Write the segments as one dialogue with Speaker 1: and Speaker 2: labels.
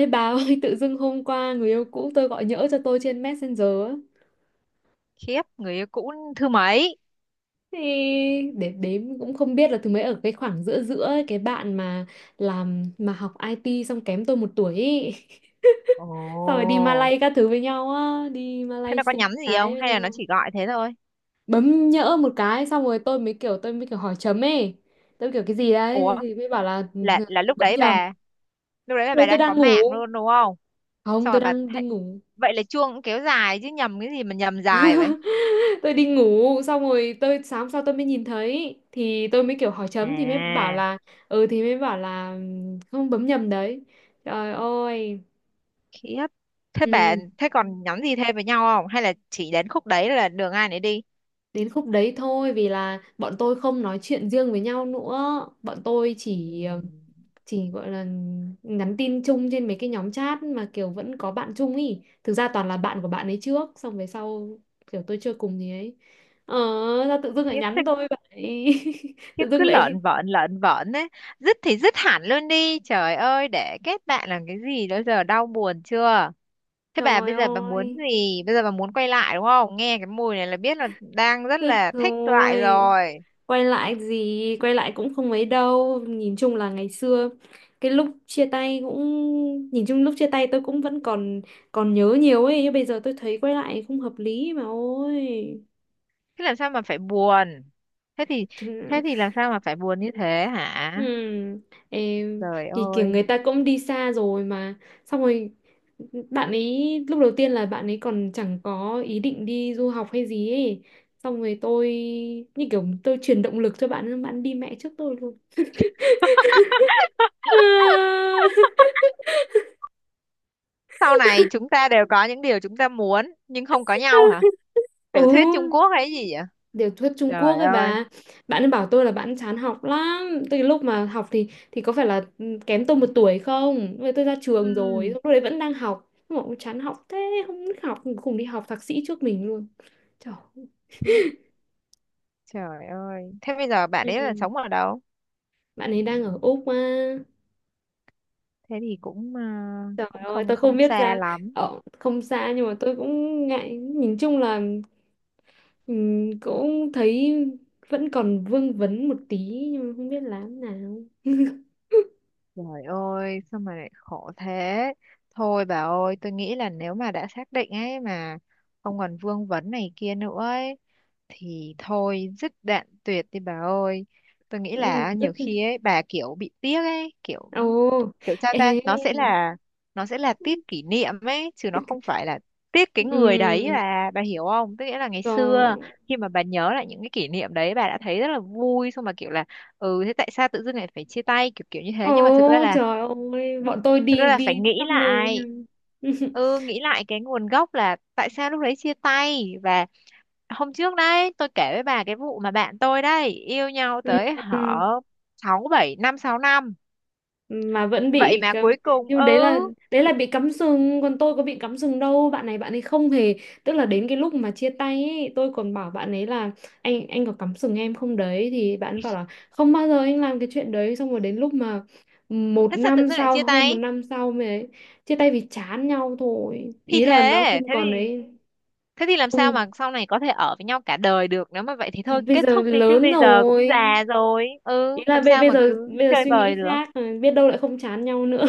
Speaker 1: Ê bà ơi, tự dưng hôm qua người yêu cũ tôi gọi nhỡ cho tôi trên Messenger á.
Speaker 2: Khiếp, người yêu cũ thứ mấy?
Speaker 1: Thì để đếm cũng không biết là thứ mấy ở cái khoảng giữa giữa ấy, cái bạn mà làm mà học IT xong kém tôi một tuổi ấy.
Speaker 2: Ồ.
Speaker 1: Xong rồi đi Malay các thứ với nhau á, đi
Speaker 2: Thế
Speaker 1: Malay
Speaker 2: nó có
Speaker 1: sinh
Speaker 2: nhắn gì không
Speaker 1: cái với
Speaker 2: hay là nó
Speaker 1: nhau.
Speaker 2: chỉ gọi thế thôi?
Speaker 1: Bấm nhỡ một cái xong rồi tôi mới kiểu hỏi chấm ấy. Tôi mới kiểu cái gì đấy thì,
Speaker 2: Ủa,
Speaker 1: thì mới bảo là ừ,
Speaker 2: là lúc
Speaker 1: bấm
Speaker 2: đấy
Speaker 1: nhầm. Lúc
Speaker 2: bà, lúc đấy là
Speaker 1: đấy
Speaker 2: bà
Speaker 1: tôi
Speaker 2: đang có
Speaker 1: đang
Speaker 2: mạng
Speaker 1: ngủ.
Speaker 2: luôn đúng không?
Speaker 1: Không,
Speaker 2: Xong rồi
Speaker 1: tôi
Speaker 2: bà
Speaker 1: đang đi
Speaker 2: thấy-
Speaker 1: ngủ.
Speaker 2: Vậy là chuông cũng kéo dài chứ nhầm cái gì mà nhầm dài vậy?
Speaker 1: Tôi đi ngủ xong rồi tôi sáng sau tôi mới nhìn thấy thì tôi mới kiểu hỏi chấm thì mới bảo
Speaker 2: À.
Speaker 1: là ừ thì mới bảo là không bấm nhầm đấy trời ơi
Speaker 2: Khiếp thế, bà
Speaker 1: ừ,
Speaker 2: còn nhắn gì thêm với nhau không hay là chỉ đến khúc đấy là đường ai nấy đi?
Speaker 1: đến khúc đấy thôi vì là bọn tôi không nói chuyện riêng với nhau nữa, bọn tôi chỉ
Speaker 2: Ừm.
Speaker 1: chỉ gọi là nhắn tin chung trên mấy cái nhóm chat mà kiểu vẫn có bạn chung ý, thực ra toàn là bạn của bạn ấy trước xong về sau kiểu tôi chơi cùng thì ấy, ờ ra tự dưng lại
Speaker 2: Khiếp
Speaker 1: nhắn
Speaker 2: thế.
Speaker 1: tôi vậy.
Speaker 2: Khiếp,
Speaker 1: Tự
Speaker 2: cứ
Speaker 1: dưng lại
Speaker 2: lợn vợn đấy, dứt thì dứt hẳn luôn đi, trời ơi, để kết bạn làm cái gì, đó giờ đau buồn chưa. Thế bà
Speaker 1: trời
Speaker 2: bây giờ bà muốn
Speaker 1: ơi,
Speaker 2: gì? Bây giờ bà muốn quay lại đúng không? Nghe cái mùi này là biết là đang rất
Speaker 1: được
Speaker 2: là thích lại
Speaker 1: rồi,
Speaker 2: rồi.
Speaker 1: quay lại gì, quay lại cũng không mấy đâu. Nhìn chung là ngày xưa, cái lúc chia tay cũng, nhìn chung lúc chia tay tôi cũng vẫn còn còn nhớ nhiều ấy. Nhưng bây giờ tôi thấy quay lại không hợp lý mà ôi.
Speaker 2: Thế làm sao mà phải buồn? Thế thì thế thì làm sao mà phải buồn như thế hả?
Speaker 1: Ừ, em
Speaker 2: Trời
Speaker 1: thì kiểu
Speaker 2: ơi.
Speaker 1: người ta cũng đi xa rồi mà, xong rồi bạn ấy lúc đầu tiên là bạn ấy còn chẳng có ý định đi du học hay gì ấy, xong rồi tôi như kiểu tôi truyền động lực cho bạn ấy, bạn đi mẹ trước tôi luôn.
Speaker 2: Sau này chúng ta đều có những điều chúng ta muốn nhưng không có nhau hả? Tiểu thuyết Trung
Speaker 1: Ừ,
Speaker 2: Quốc hay gì vậy?
Speaker 1: tiểu thuyết Trung Quốc
Speaker 2: Trời
Speaker 1: ấy
Speaker 2: ơi.
Speaker 1: bà, bạn ấy bảo tôi là bạn chán học lắm, từ lúc mà học thì có phải là ừ, kém tôi một tuổi không, rồi tôi ra
Speaker 2: Ừ.
Speaker 1: trường rồi lúc đấy vẫn đang học mà cũng chán học thế, không thích học, cùng đi học thạc sĩ trước mình luôn, trời ơi.
Speaker 2: Khiếp. Trời ơi. Thế bây giờ bạn ấy là
Speaker 1: Ừ.
Speaker 2: sống ở đâu?
Speaker 1: Bạn ấy đang ở Úc mà,
Speaker 2: Thế thì cũng
Speaker 1: trời
Speaker 2: cũng
Speaker 1: ơi
Speaker 2: không
Speaker 1: tôi không
Speaker 2: không
Speaker 1: biết
Speaker 2: xa
Speaker 1: ra,
Speaker 2: lắm.
Speaker 1: ở không xa nhưng mà tôi cũng ngại, nhìn chung là cũng thấy vẫn còn vương vấn một tí nhưng mà không biết làm nào.
Speaker 2: Trời ơi, sao mà lại khổ thế? Thôi bà ơi, tôi nghĩ là nếu mà đã xác định ấy mà không còn vương vấn này kia nữa ấy, thì thôi dứt đoạn tuyệt đi bà ơi. Tôi nghĩ
Speaker 1: Nhưng mà
Speaker 2: là
Speaker 1: rất
Speaker 2: nhiều khi ấy bà kiểu bị tiếc ấy, kiểu
Speaker 1: ồ,
Speaker 2: kiểu sao
Speaker 1: ê,
Speaker 2: ta nó sẽ là tiếc kỷ niệm ấy chứ nó
Speaker 1: tức-
Speaker 2: không phải là tiếc cái người đấy,
Speaker 1: ừm,
Speaker 2: là bà hiểu không, tức nghĩa là ngày xưa
Speaker 1: trời,
Speaker 2: khi mà bà nhớ lại những cái kỷ niệm đấy bà đã thấy rất là vui, xong mà kiểu là ừ thế tại sao tự dưng lại phải chia tay kiểu kiểu như
Speaker 1: ồ,
Speaker 2: thế, nhưng mà thực ra là
Speaker 1: trời ơi, bọn tôi
Speaker 2: thực ra
Speaker 1: đi
Speaker 2: là
Speaker 1: đi
Speaker 2: phải nghĩ
Speaker 1: khắp nơi với nhau.
Speaker 2: lại, ừ, nghĩ lại cái nguồn gốc là tại sao lúc đấy chia tay. Và hôm trước đấy tôi kể với bà cái vụ mà bạn tôi đấy yêu nhau tới hở
Speaker 1: Ừm,
Speaker 2: 6-7 năm, 6 năm
Speaker 1: mà vẫn
Speaker 2: vậy
Speaker 1: bị
Speaker 2: mà
Speaker 1: cắm...
Speaker 2: cuối cùng
Speaker 1: nhưng mà đấy là,
Speaker 2: ừ.
Speaker 1: đấy là bị cắm sừng còn tôi có bị cắm sừng đâu, bạn này bạn ấy không hề, tức là đến cái lúc mà chia tay ấy, tôi còn bảo bạn ấy là anh có cắm sừng em không đấy thì bạn ấy bảo là không bao giờ anh làm cái chuyện đấy, xong rồi đến lúc mà một
Speaker 2: Thế sao tự
Speaker 1: năm
Speaker 2: dưng lại
Speaker 1: sau,
Speaker 2: chia
Speaker 1: hơn một
Speaker 2: tay?
Speaker 1: năm sau mới ấy, chia tay vì chán nhau thôi,
Speaker 2: thì
Speaker 1: ý
Speaker 2: thế
Speaker 1: là nó không
Speaker 2: thế
Speaker 1: còn
Speaker 2: thì
Speaker 1: đấy.
Speaker 2: thế thì làm sao
Speaker 1: Không
Speaker 2: mà sau này có thể ở với nhau cả đời được, nếu mà vậy thì
Speaker 1: thì
Speaker 2: thôi
Speaker 1: bây
Speaker 2: kết
Speaker 1: giờ
Speaker 2: thúc đi chứ,
Speaker 1: lớn
Speaker 2: bây giờ cũng
Speaker 1: rồi,
Speaker 2: già rồi,
Speaker 1: ý
Speaker 2: ừ,
Speaker 1: là
Speaker 2: làm
Speaker 1: bây
Speaker 2: sao mà cứ
Speaker 1: bây giờ
Speaker 2: chơi
Speaker 1: suy
Speaker 2: bời
Speaker 1: nghĩ
Speaker 2: được.
Speaker 1: khác, biết đâu lại không chán nhau nữa.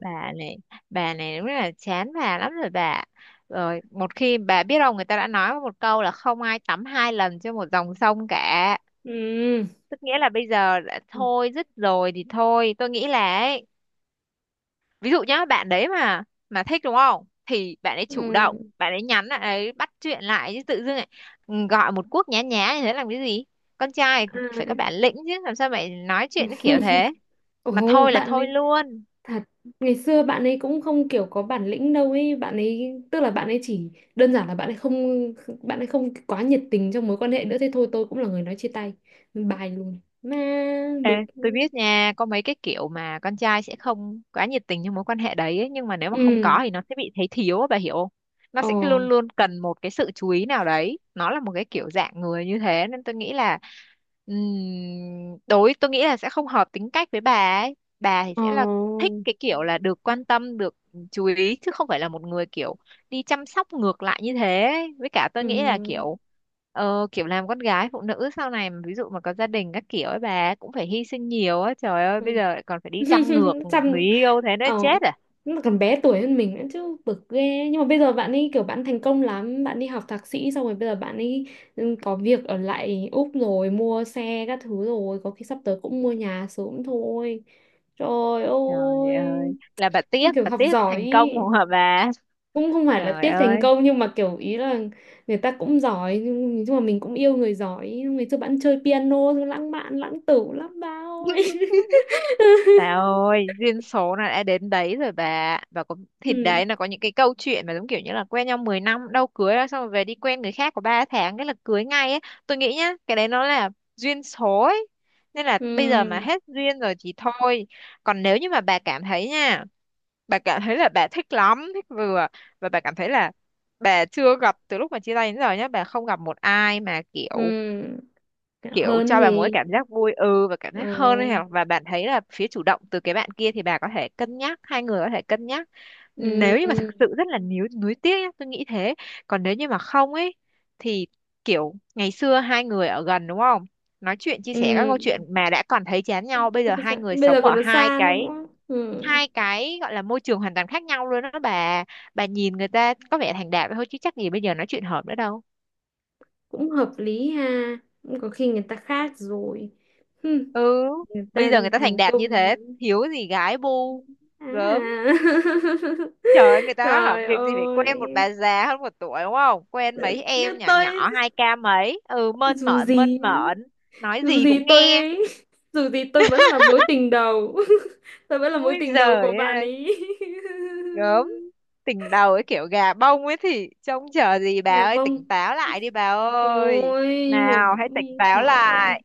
Speaker 2: Bà này bà này đúng là chán bà lắm rồi bà. Rồi một khi bà, biết đâu người ta đã nói một câu là không ai tắm hai lần trên một dòng sông cả. Tức nghĩa là bây giờ đã
Speaker 1: Ừ.
Speaker 2: thôi dứt rồi thì thôi, tôi nghĩ là ấy, ví dụ nhá, bạn đấy mà thích đúng không, thì bạn ấy chủ
Speaker 1: Ừ.
Speaker 2: động bạn ấy nhắn lại ấy, bắt chuyện lại, chứ tự dưng lại gọi một cuộc nhá nhá như thế làm cái gì. Con trai phải có
Speaker 1: À.
Speaker 2: bản lĩnh chứ, làm sao mày nói chuyện nó kiểu thế mà
Speaker 1: Ồ,
Speaker 2: thôi là
Speaker 1: bạn
Speaker 2: thôi
Speaker 1: ấy
Speaker 2: luôn.
Speaker 1: thật, ngày xưa bạn ấy cũng không kiểu có bản lĩnh đâu ấy, bạn ấy tức là bạn ấy chỉ đơn giản là bạn ấy không, bạn ấy không quá nhiệt tình trong mối quan hệ nữa, thế thôi, tôi cũng là người nói chia tay. Bài luôn. Mà
Speaker 2: Ê,
Speaker 1: bực.
Speaker 2: tôi biết nha, có mấy cái kiểu mà con trai sẽ không quá nhiệt tình trong mối quan hệ đấy ấy, nhưng mà nếu mà không
Speaker 1: Ừ.
Speaker 2: có thì nó sẽ bị thấy thiếu á, bà hiểu không? Nó
Speaker 1: Ồ.
Speaker 2: sẽ luôn luôn cần một cái sự chú ý nào đấy, nó là một cái kiểu dạng người như thế, nên tôi nghĩ là đối tôi nghĩ là sẽ không hợp tính cách với bà ấy. Bà thì
Speaker 1: Ồ.
Speaker 2: sẽ là thích cái kiểu là được quan tâm, được chú ý, chứ không phải là một người kiểu đi chăm sóc ngược lại như thế ấy. Với cả tôi nghĩ là
Speaker 1: Ừ.
Speaker 2: kiểu làm con gái, phụ nữ sau này mà ví dụ mà có gia đình các kiểu ấy, bà cũng phải hy sinh nhiều á, trời ơi bây
Speaker 1: Ừ.
Speaker 2: giờ lại còn phải đi chăm ngược
Speaker 1: Chăm
Speaker 2: người yêu, thế nó
Speaker 1: ờ,
Speaker 2: chết à.
Speaker 1: nó là còn bé tuổi hơn mình nữa chứ, bực ghê, nhưng mà bây giờ bạn ấy kiểu bạn thành công lắm, bạn đi học thạc sĩ xong rồi bây giờ bạn ấy ừ, có việc ở lại Úc rồi, mua xe các thứ rồi, có khi sắp tới cũng mua nhà sớm thôi, trời
Speaker 2: Trời
Speaker 1: ơi,
Speaker 2: ơi là bà
Speaker 1: nó
Speaker 2: tiếc
Speaker 1: kiểu
Speaker 2: bà
Speaker 1: học
Speaker 2: tiếc
Speaker 1: giỏi
Speaker 2: thành công
Speaker 1: ý.
Speaker 2: của bà.
Speaker 1: Cũng không phải là
Speaker 2: Trời
Speaker 1: tiếc thành
Speaker 2: ơi.
Speaker 1: công nhưng mà kiểu ý là người ta cũng giỏi nhưng mà mình cũng yêu người giỏi, ngày xưa bạn chơi piano lãng mạn lãng tử lắm ba ơi.
Speaker 2: Bà ơi, duyên số là đã đến đấy rồi bà. Bà có thì
Speaker 1: Ừ.
Speaker 2: đấy, là có những cái câu chuyện mà giống kiểu như là quen nhau 10 năm đâu, cưới ra xong rồi về đi quen người khác có 3 tháng cái là cưới ngay ấy. Tôi nghĩ nhá, cái đấy nó là duyên số ấy. Nên là
Speaker 1: Ừ.
Speaker 2: bây giờ mà hết duyên rồi thì thôi. Còn nếu như mà bà cảm thấy nha, bà cảm thấy là bà thích lắm, thích vừa, và bà cảm thấy là bà chưa gặp từ lúc mà chia tay đến giờ nhá, bà không gặp một ai mà kiểu
Speaker 1: Ừ,
Speaker 2: kiểu
Speaker 1: hơn
Speaker 2: cho bà một cái
Speaker 1: thì
Speaker 2: cảm giác vui ừ và cảm
Speaker 1: ờ,
Speaker 2: giác hơn ấy hả? Và bạn thấy là phía chủ động từ cái bạn kia, thì bà có thể cân nhắc, hai người có thể cân nhắc, nếu như mà thực
Speaker 1: ừ,
Speaker 2: sự rất là níu nuối tiếc nhá, tôi nghĩ thế. Còn nếu như mà không ấy thì kiểu, ngày xưa hai người ở gần đúng không, nói chuyện chia sẻ các
Speaker 1: ừ,
Speaker 2: câu chuyện mà đã còn thấy chán nhau, bây
Speaker 1: áp
Speaker 2: giờ
Speaker 1: với
Speaker 2: hai
Speaker 1: chạm.
Speaker 2: người
Speaker 1: Bây giờ
Speaker 2: sống
Speaker 1: còn
Speaker 2: ở
Speaker 1: nó
Speaker 2: hai
Speaker 1: xa
Speaker 2: cái
Speaker 1: nữa, ừ.
Speaker 2: hai cái gọi là môi trường hoàn toàn khác nhau luôn đó bà. Bà nhìn người ta có vẻ thành đạt thôi chứ chắc gì bây giờ nói chuyện hợp nữa đâu.
Speaker 1: Cũng hợp lý ha, cũng có khi người ta khác rồi. Hừm,
Speaker 2: Ừ,
Speaker 1: người
Speaker 2: bây
Speaker 1: ta
Speaker 2: giờ người ta thành
Speaker 1: thành
Speaker 2: đạt như
Speaker 1: công
Speaker 2: thế
Speaker 1: mới-
Speaker 2: thiếu gì gái bu,
Speaker 1: à.
Speaker 2: gớm, trời ơi, người ta hả,
Speaker 1: Trời
Speaker 2: việc gì phải quen một
Speaker 1: ơi,
Speaker 2: bà già hơn 1 tuổi đúng không, quen mấy
Speaker 1: nhưng
Speaker 2: em nhỏ
Speaker 1: tôi,
Speaker 2: nhỏ 2k mấy, ừ, mơn
Speaker 1: dù
Speaker 2: mởn
Speaker 1: gì,
Speaker 2: mơn mởn, nói
Speaker 1: dù
Speaker 2: gì
Speaker 1: gì
Speaker 2: cũng
Speaker 1: tôi
Speaker 2: nghe.
Speaker 1: ấy dù gì tôi vẫn là mối tình đầu, tôi vẫn là mối
Speaker 2: Ôi
Speaker 1: tình đầu của
Speaker 2: giời
Speaker 1: bạn
Speaker 2: ơi,
Speaker 1: ấy.
Speaker 2: gớm, tỉnh đầu ấy kiểu gà bông ấy thì trông chờ gì bà
Speaker 1: Nhà
Speaker 2: ơi,
Speaker 1: vâng,
Speaker 2: tỉnh táo lại đi bà ơi,
Speaker 1: ôi, nhưng mà
Speaker 2: nào hãy tỉnh táo
Speaker 1: trời ơi.
Speaker 2: lại,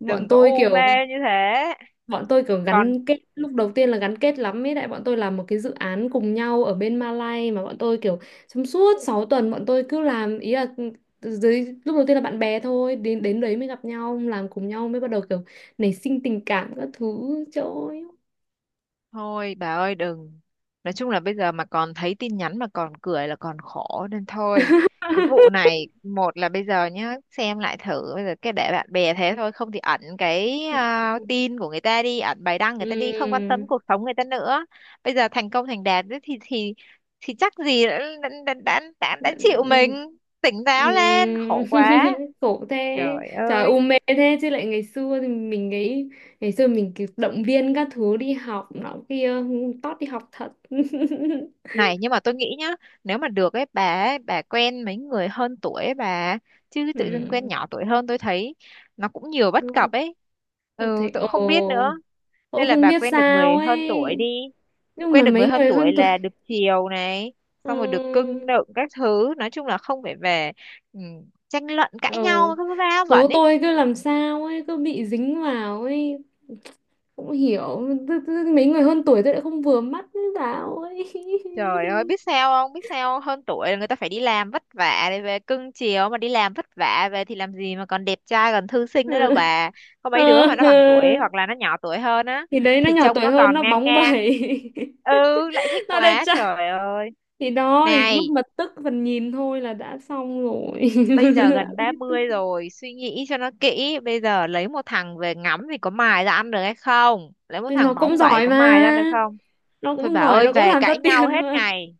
Speaker 1: Bọn
Speaker 2: đừng có
Speaker 1: tôi
Speaker 2: u mê
Speaker 1: kiểu,
Speaker 2: như thế.
Speaker 1: bọn tôi kiểu
Speaker 2: Còn
Speaker 1: gắn kết, lúc đầu tiên là gắn kết lắm ấy, đại bọn tôi làm một cái dự án cùng nhau ở bên Malay mà, bọn tôi kiểu trong suốt 6 tuần bọn tôi cứ làm, ý là ừ, dưới lúc đầu tiên là bạn bè thôi, đến đến đấy mới gặp nhau làm cùng nhau mới bắt đầu kiểu nảy sinh tình cảm các thứ chỗ
Speaker 2: thôi bà ơi, đừng. Nói chung là bây giờ mà còn thấy tin nhắn mà còn cười là còn khổ nên thôi. Cái vụ này, một là bây giờ nhá, xem lại thử bây giờ cái để bạn bè thế thôi, không thì ẩn cái à, tin của người ta đi, ẩn bài đăng
Speaker 1: ừ.
Speaker 2: người ta đi, không quan tâm cuộc sống người ta nữa. Bây giờ thành công thành đạt ấy thì chắc gì đã chịu mình, tỉnh táo lên,
Speaker 1: Ừm,
Speaker 2: khổ quá.
Speaker 1: khổ thế,
Speaker 2: Trời
Speaker 1: trời, u
Speaker 2: ơi.
Speaker 1: mê thế chứ, lại ngày xưa thì mình nghĩ, ngày xưa mình kiểu động viên các thứ đi học nọ kia, tót đi học thật.
Speaker 2: Này, nhưng mà tôi nghĩ nhá, nếu mà được ấy, bà quen mấy người hơn tuổi ấy, bà. Chứ tự dưng quen
Speaker 1: Ừm,
Speaker 2: nhỏ tuổi hơn, tôi thấy nó cũng nhiều bất cập
Speaker 1: cũng-
Speaker 2: ấy.
Speaker 1: tôi
Speaker 2: Ừ,
Speaker 1: thấy
Speaker 2: tôi cũng không biết nữa.
Speaker 1: ồ, tôi
Speaker 2: Nên là
Speaker 1: không
Speaker 2: bà
Speaker 1: biết
Speaker 2: quen được
Speaker 1: sao
Speaker 2: người hơn tuổi
Speaker 1: ấy,
Speaker 2: đi.
Speaker 1: nhưng mà
Speaker 2: Quen được người
Speaker 1: mấy
Speaker 2: hơn
Speaker 1: người
Speaker 2: tuổi
Speaker 1: hơn tuổi
Speaker 2: là được chiều này, xong rồi được
Speaker 1: ừm,
Speaker 2: cưng nựng các thứ. Nói chung là không phải về, ừ, tranh luận cãi
Speaker 1: ờ,
Speaker 2: nhau, cái va vẩn
Speaker 1: số
Speaker 2: ấy.
Speaker 1: tôi cứ làm sao ấy cứ bị dính vào ấy, cũng hiểu. Tức mấy người hơn tuổi tôi lại không vừa mắt với bảo ấy.
Speaker 2: Trời ơi, biết sao không? Biết sao không? Hơn tuổi là người ta phải đi làm vất vả để về cưng chiều, mà đi làm vất vả về thì làm gì mà còn đẹp trai, còn thư sinh nữa đâu bà. Có mấy đứa
Speaker 1: Ờ.
Speaker 2: mà nó bằng tuổi
Speaker 1: Ờ.
Speaker 2: hoặc là nó nhỏ tuổi hơn á,
Speaker 1: Thì đấy nó
Speaker 2: thì
Speaker 1: nhỏ
Speaker 2: trông
Speaker 1: tuổi
Speaker 2: nó
Speaker 1: hơn
Speaker 2: còn
Speaker 1: nó
Speaker 2: ngang
Speaker 1: bóng
Speaker 2: ngang.
Speaker 1: bẩy,
Speaker 2: Ừ, lại thích
Speaker 1: nó đẹp
Speaker 2: quá
Speaker 1: trai,
Speaker 2: trời ơi.
Speaker 1: thì đó, thì lúc
Speaker 2: Này,
Speaker 1: mà tức phần nhìn thôi là đã xong rồi.
Speaker 2: bây giờ
Speaker 1: Đã
Speaker 2: gần ba
Speaker 1: hết tức.
Speaker 2: mươi rồi, suy nghĩ cho nó kỹ, bây giờ lấy một thằng về ngắm thì có mài ra ăn được hay không? Lấy một
Speaker 1: Nhưng nó
Speaker 2: thằng
Speaker 1: cũng
Speaker 2: bóng bẩy
Speaker 1: giỏi
Speaker 2: có mài ra ăn
Speaker 1: mà,
Speaker 2: được không?
Speaker 1: nó
Speaker 2: Thôi
Speaker 1: cũng
Speaker 2: bà
Speaker 1: giỏi,
Speaker 2: ơi,
Speaker 1: nó cũng
Speaker 2: về
Speaker 1: làm ra
Speaker 2: cãi nhau
Speaker 1: tiền
Speaker 2: hết
Speaker 1: mà.
Speaker 2: ngày.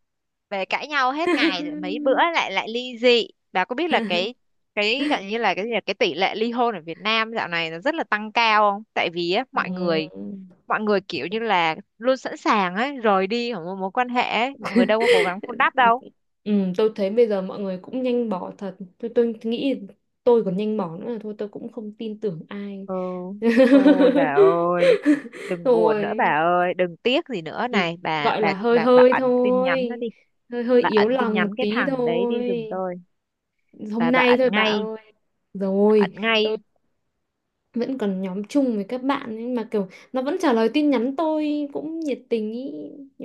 Speaker 2: Về cãi nhau hết ngày rồi mấy bữa lại lại ly dị, bà có biết là cái gọi như là cái gì, là cái tỷ lệ ly hôn ở Việt Nam dạo này nó rất là tăng cao không, tại vì á, mọi người
Speaker 1: Ừm.
Speaker 2: mọi người kiểu như là luôn sẵn sàng ấy rời đi khỏi một mối quan hệ ấy. Mọi người đâu có cố gắng vun đắp đâu.
Speaker 1: Ừ, tôi thấy bây giờ mọi người cũng nhanh bỏ thật, tôi nghĩ tôi còn nhanh bỏ nữa là thôi, tôi cũng không tin tưởng ai.
Speaker 2: Ừ, thôi bà ơi, đừng buồn nữa bà
Speaker 1: Rồi
Speaker 2: ơi, đừng tiếc gì nữa
Speaker 1: thì
Speaker 2: này
Speaker 1: gọi là hơi
Speaker 2: bà
Speaker 1: hơi
Speaker 2: ẩn tin nhắn nó
Speaker 1: thôi,
Speaker 2: đi.
Speaker 1: hơi hơi
Speaker 2: Bà
Speaker 1: yếu
Speaker 2: ẩn tin
Speaker 1: lòng một
Speaker 2: nhắn cái
Speaker 1: tí
Speaker 2: thằng đấy đi giùm
Speaker 1: thôi,
Speaker 2: tôi. bà
Speaker 1: hôm
Speaker 2: bà
Speaker 1: nay
Speaker 2: ẩn
Speaker 1: thôi bà
Speaker 2: ngay,
Speaker 1: ơi.
Speaker 2: ẩn
Speaker 1: Rồi
Speaker 2: ngay.
Speaker 1: tôi vẫn còn nhóm chung với các bạn ấy, mà kiểu nó vẫn trả lời tin nhắn tôi cũng nhiệt tình ý,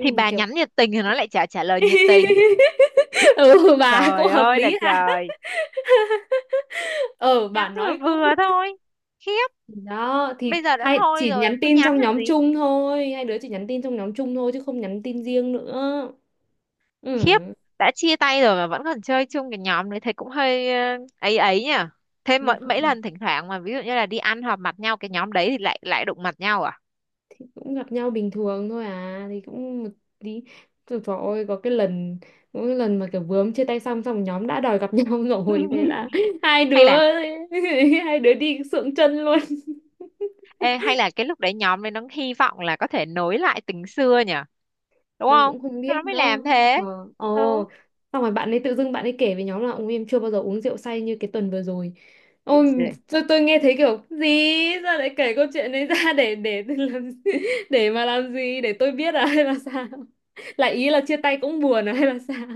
Speaker 2: Thì
Speaker 1: mà
Speaker 2: bà
Speaker 1: kiểu
Speaker 2: nhắn nhiệt tình thì nó lại chả trả lời nhiệt tình.
Speaker 1: ừ bà cũng
Speaker 2: Trời
Speaker 1: hợp
Speaker 2: ơi là
Speaker 1: lý ha,
Speaker 2: trời,
Speaker 1: ừ bà
Speaker 2: nhắn vừa
Speaker 1: nói cũng,
Speaker 2: vừa thôi. Khiếp,
Speaker 1: đó thì
Speaker 2: bây giờ đã
Speaker 1: hai
Speaker 2: thôi
Speaker 1: chỉ
Speaker 2: rồi,
Speaker 1: nhắn
Speaker 2: cứ
Speaker 1: tin
Speaker 2: nhắn
Speaker 1: trong
Speaker 2: làm
Speaker 1: nhóm
Speaker 2: gì?
Speaker 1: chung thôi, hai đứa chỉ nhắn tin trong nhóm chung thôi chứ không nhắn tin riêng nữa.
Speaker 2: Khiếp, đã chia tay rồi mà vẫn còn chơi chung cái nhóm đấy thấy cũng hơi ấy ấy nhỉ. Thế mấy, mấy
Speaker 1: Ừ,
Speaker 2: lần thỉnh thoảng mà ví dụ như là đi ăn họp mặt nhau cái nhóm đấy thì lại lại đụng mặt nhau à?
Speaker 1: cũng gặp nhau bình thường thôi, à thì cũng một tí, trời, trời ơi, có cái lần, có cái lần mà kiểu vướng chia tay xong xong nhóm đã đòi gặp nhau rồi, thế là hai
Speaker 2: Hay
Speaker 1: đứa,
Speaker 2: là,
Speaker 1: hai đứa đi sượng chân luôn.
Speaker 2: ê, hay là cái lúc đấy nhóm đấy nó hy vọng là có thể nối lại tình xưa nhỉ? Đúng
Speaker 1: Tôi
Speaker 2: không?
Speaker 1: cũng không
Speaker 2: Nó
Speaker 1: biết
Speaker 2: mới
Speaker 1: nữa,
Speaker 2: làm thế.
Speaker 1: trời, ồ, xong rồi bạn ấy tự dưng bạn ấy kể với nhóm là ông em chưa bao giờ uống rượu say như cái tuần vừa rồi, ôi
Speaker 2: Ừ.
Speaker 1: tôi nghe thấy kiểu gì, sao lại kể câu chuyện đấy ra để làm gì? Để mà làm gì, để tôi biết à hay là sao, lại ý là chia tay cũng buồn à hay là sao.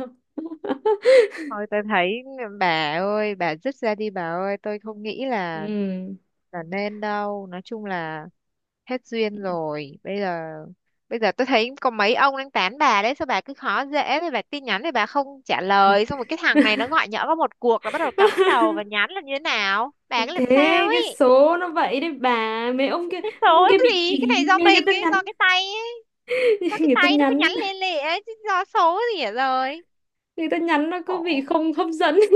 Speaker 2: Thôi tôi thấy bà ơi, bà dứt ra đi bà ơi, tôi không nghĩ là
Speaker 1: Ừ.
Speaker 2: là nên đâu, nói chung là hết duyên rồi. Bây giờ bây giờ tôi thấy có mấy ông đang tán bà đấy, sao bà cứ khó dễ, thì bà tin nhắn thì bà không trả lời, xong rồi cái thằng này nó gọi nhỡ có một cuộc nó bắt đầu cắm đầu và nhắn là như thế nào,
Speaker 1: Thế
Speaker 2: bà cứ
Speaker 1: thế
Speaker 2: làm sao
Speaker 1: cái
Speaker 2: ấy.
Speaker 1: số nó vậy đấy bà. Mấy ông kia,
Speaker 2: Cái
Speaker 1: mấy ông
Speaker 2: số
Speaker 1: kia bị
Speaker 2: gì, cái
Speaker 1: kỳ,
Speaker 2: này do
Speaker 1: nghe người ta
Speaker 2: mình ấy,
Speaker 1: nhắn,
Speaker 2: do cái tay ấy, do cái
Speaker 1: người ta
Speaker 2: tay nó cứ
Speaker 1: nhắn,
Speaker 2: nhắn lên lệ ấy chứ do số gì ở rồi.
Speaker 1: người ta nhắn nó cứ bị
Speaker 2: Khổ,
Speaker 1: không hấp dẫn.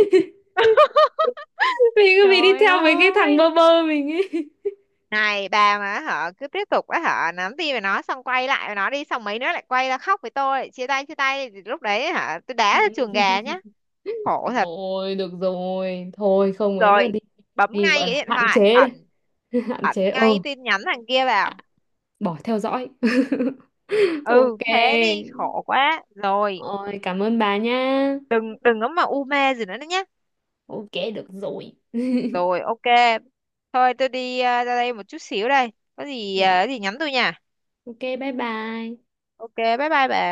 Speaker 1: Mình cứ bị đi
Speaker 2: trời
Speaker 1: theo mấy cái thằng bơ
Speaker 2: ơi.
Speaker 1: bơ mình ấy.
Speaker 2: Này bà, mà họ cứ tiếp tục á, họ nắm tay với nó xong quay lại với nó đi, xong mấy nữa lại quay ra khóc với tôi chia tay chia tay, thì lúc đấy hả tôi đá ra chuồng gà nhá. Khổ thật.
Speaker 1: Rồi được rồi, thôi không ấy nữa
Speaker 2: Rồi,
Speaker 1: đi,
Speaker 2: bấm
Speaker 1: đi
Speaker 2: ngay
Speaker 1: gọi
Speaker 2: cái
Speaker 1: là
Speaker 2: điện
Speaker 1: hạn
Speaker 2: thoại,
Speaker 1: chế đây.
Speaker 2: ẩn.
Speaker 1: Hạn
Speaker 2: Ẩn
Speaker 1: chế
Speaker 2: ngay
Speaker 1: ờ,
Speaker 2: tin nhắn thằng kia vào.
Speaker 1: à, bỏ theo dõi.
Speaker 2: Ừ
Speaker 1: Ok,
Speaker 2: thế đi, khổ quá rồi.
Speaker 1: rồi cảm ơn bà nha.
Speaker 2: Đừng có mà u mê gì nữa nhá.
Speaker 1: Ok được rồi.
Speaker 2: Rồi ok. Thôi tôi đi ra đây một chút xíu, đây có gì ờ, có gì nhắn tôi nha.
Speaker 1: Ok bye bye.
Speaker 2: Ok bye bye bà.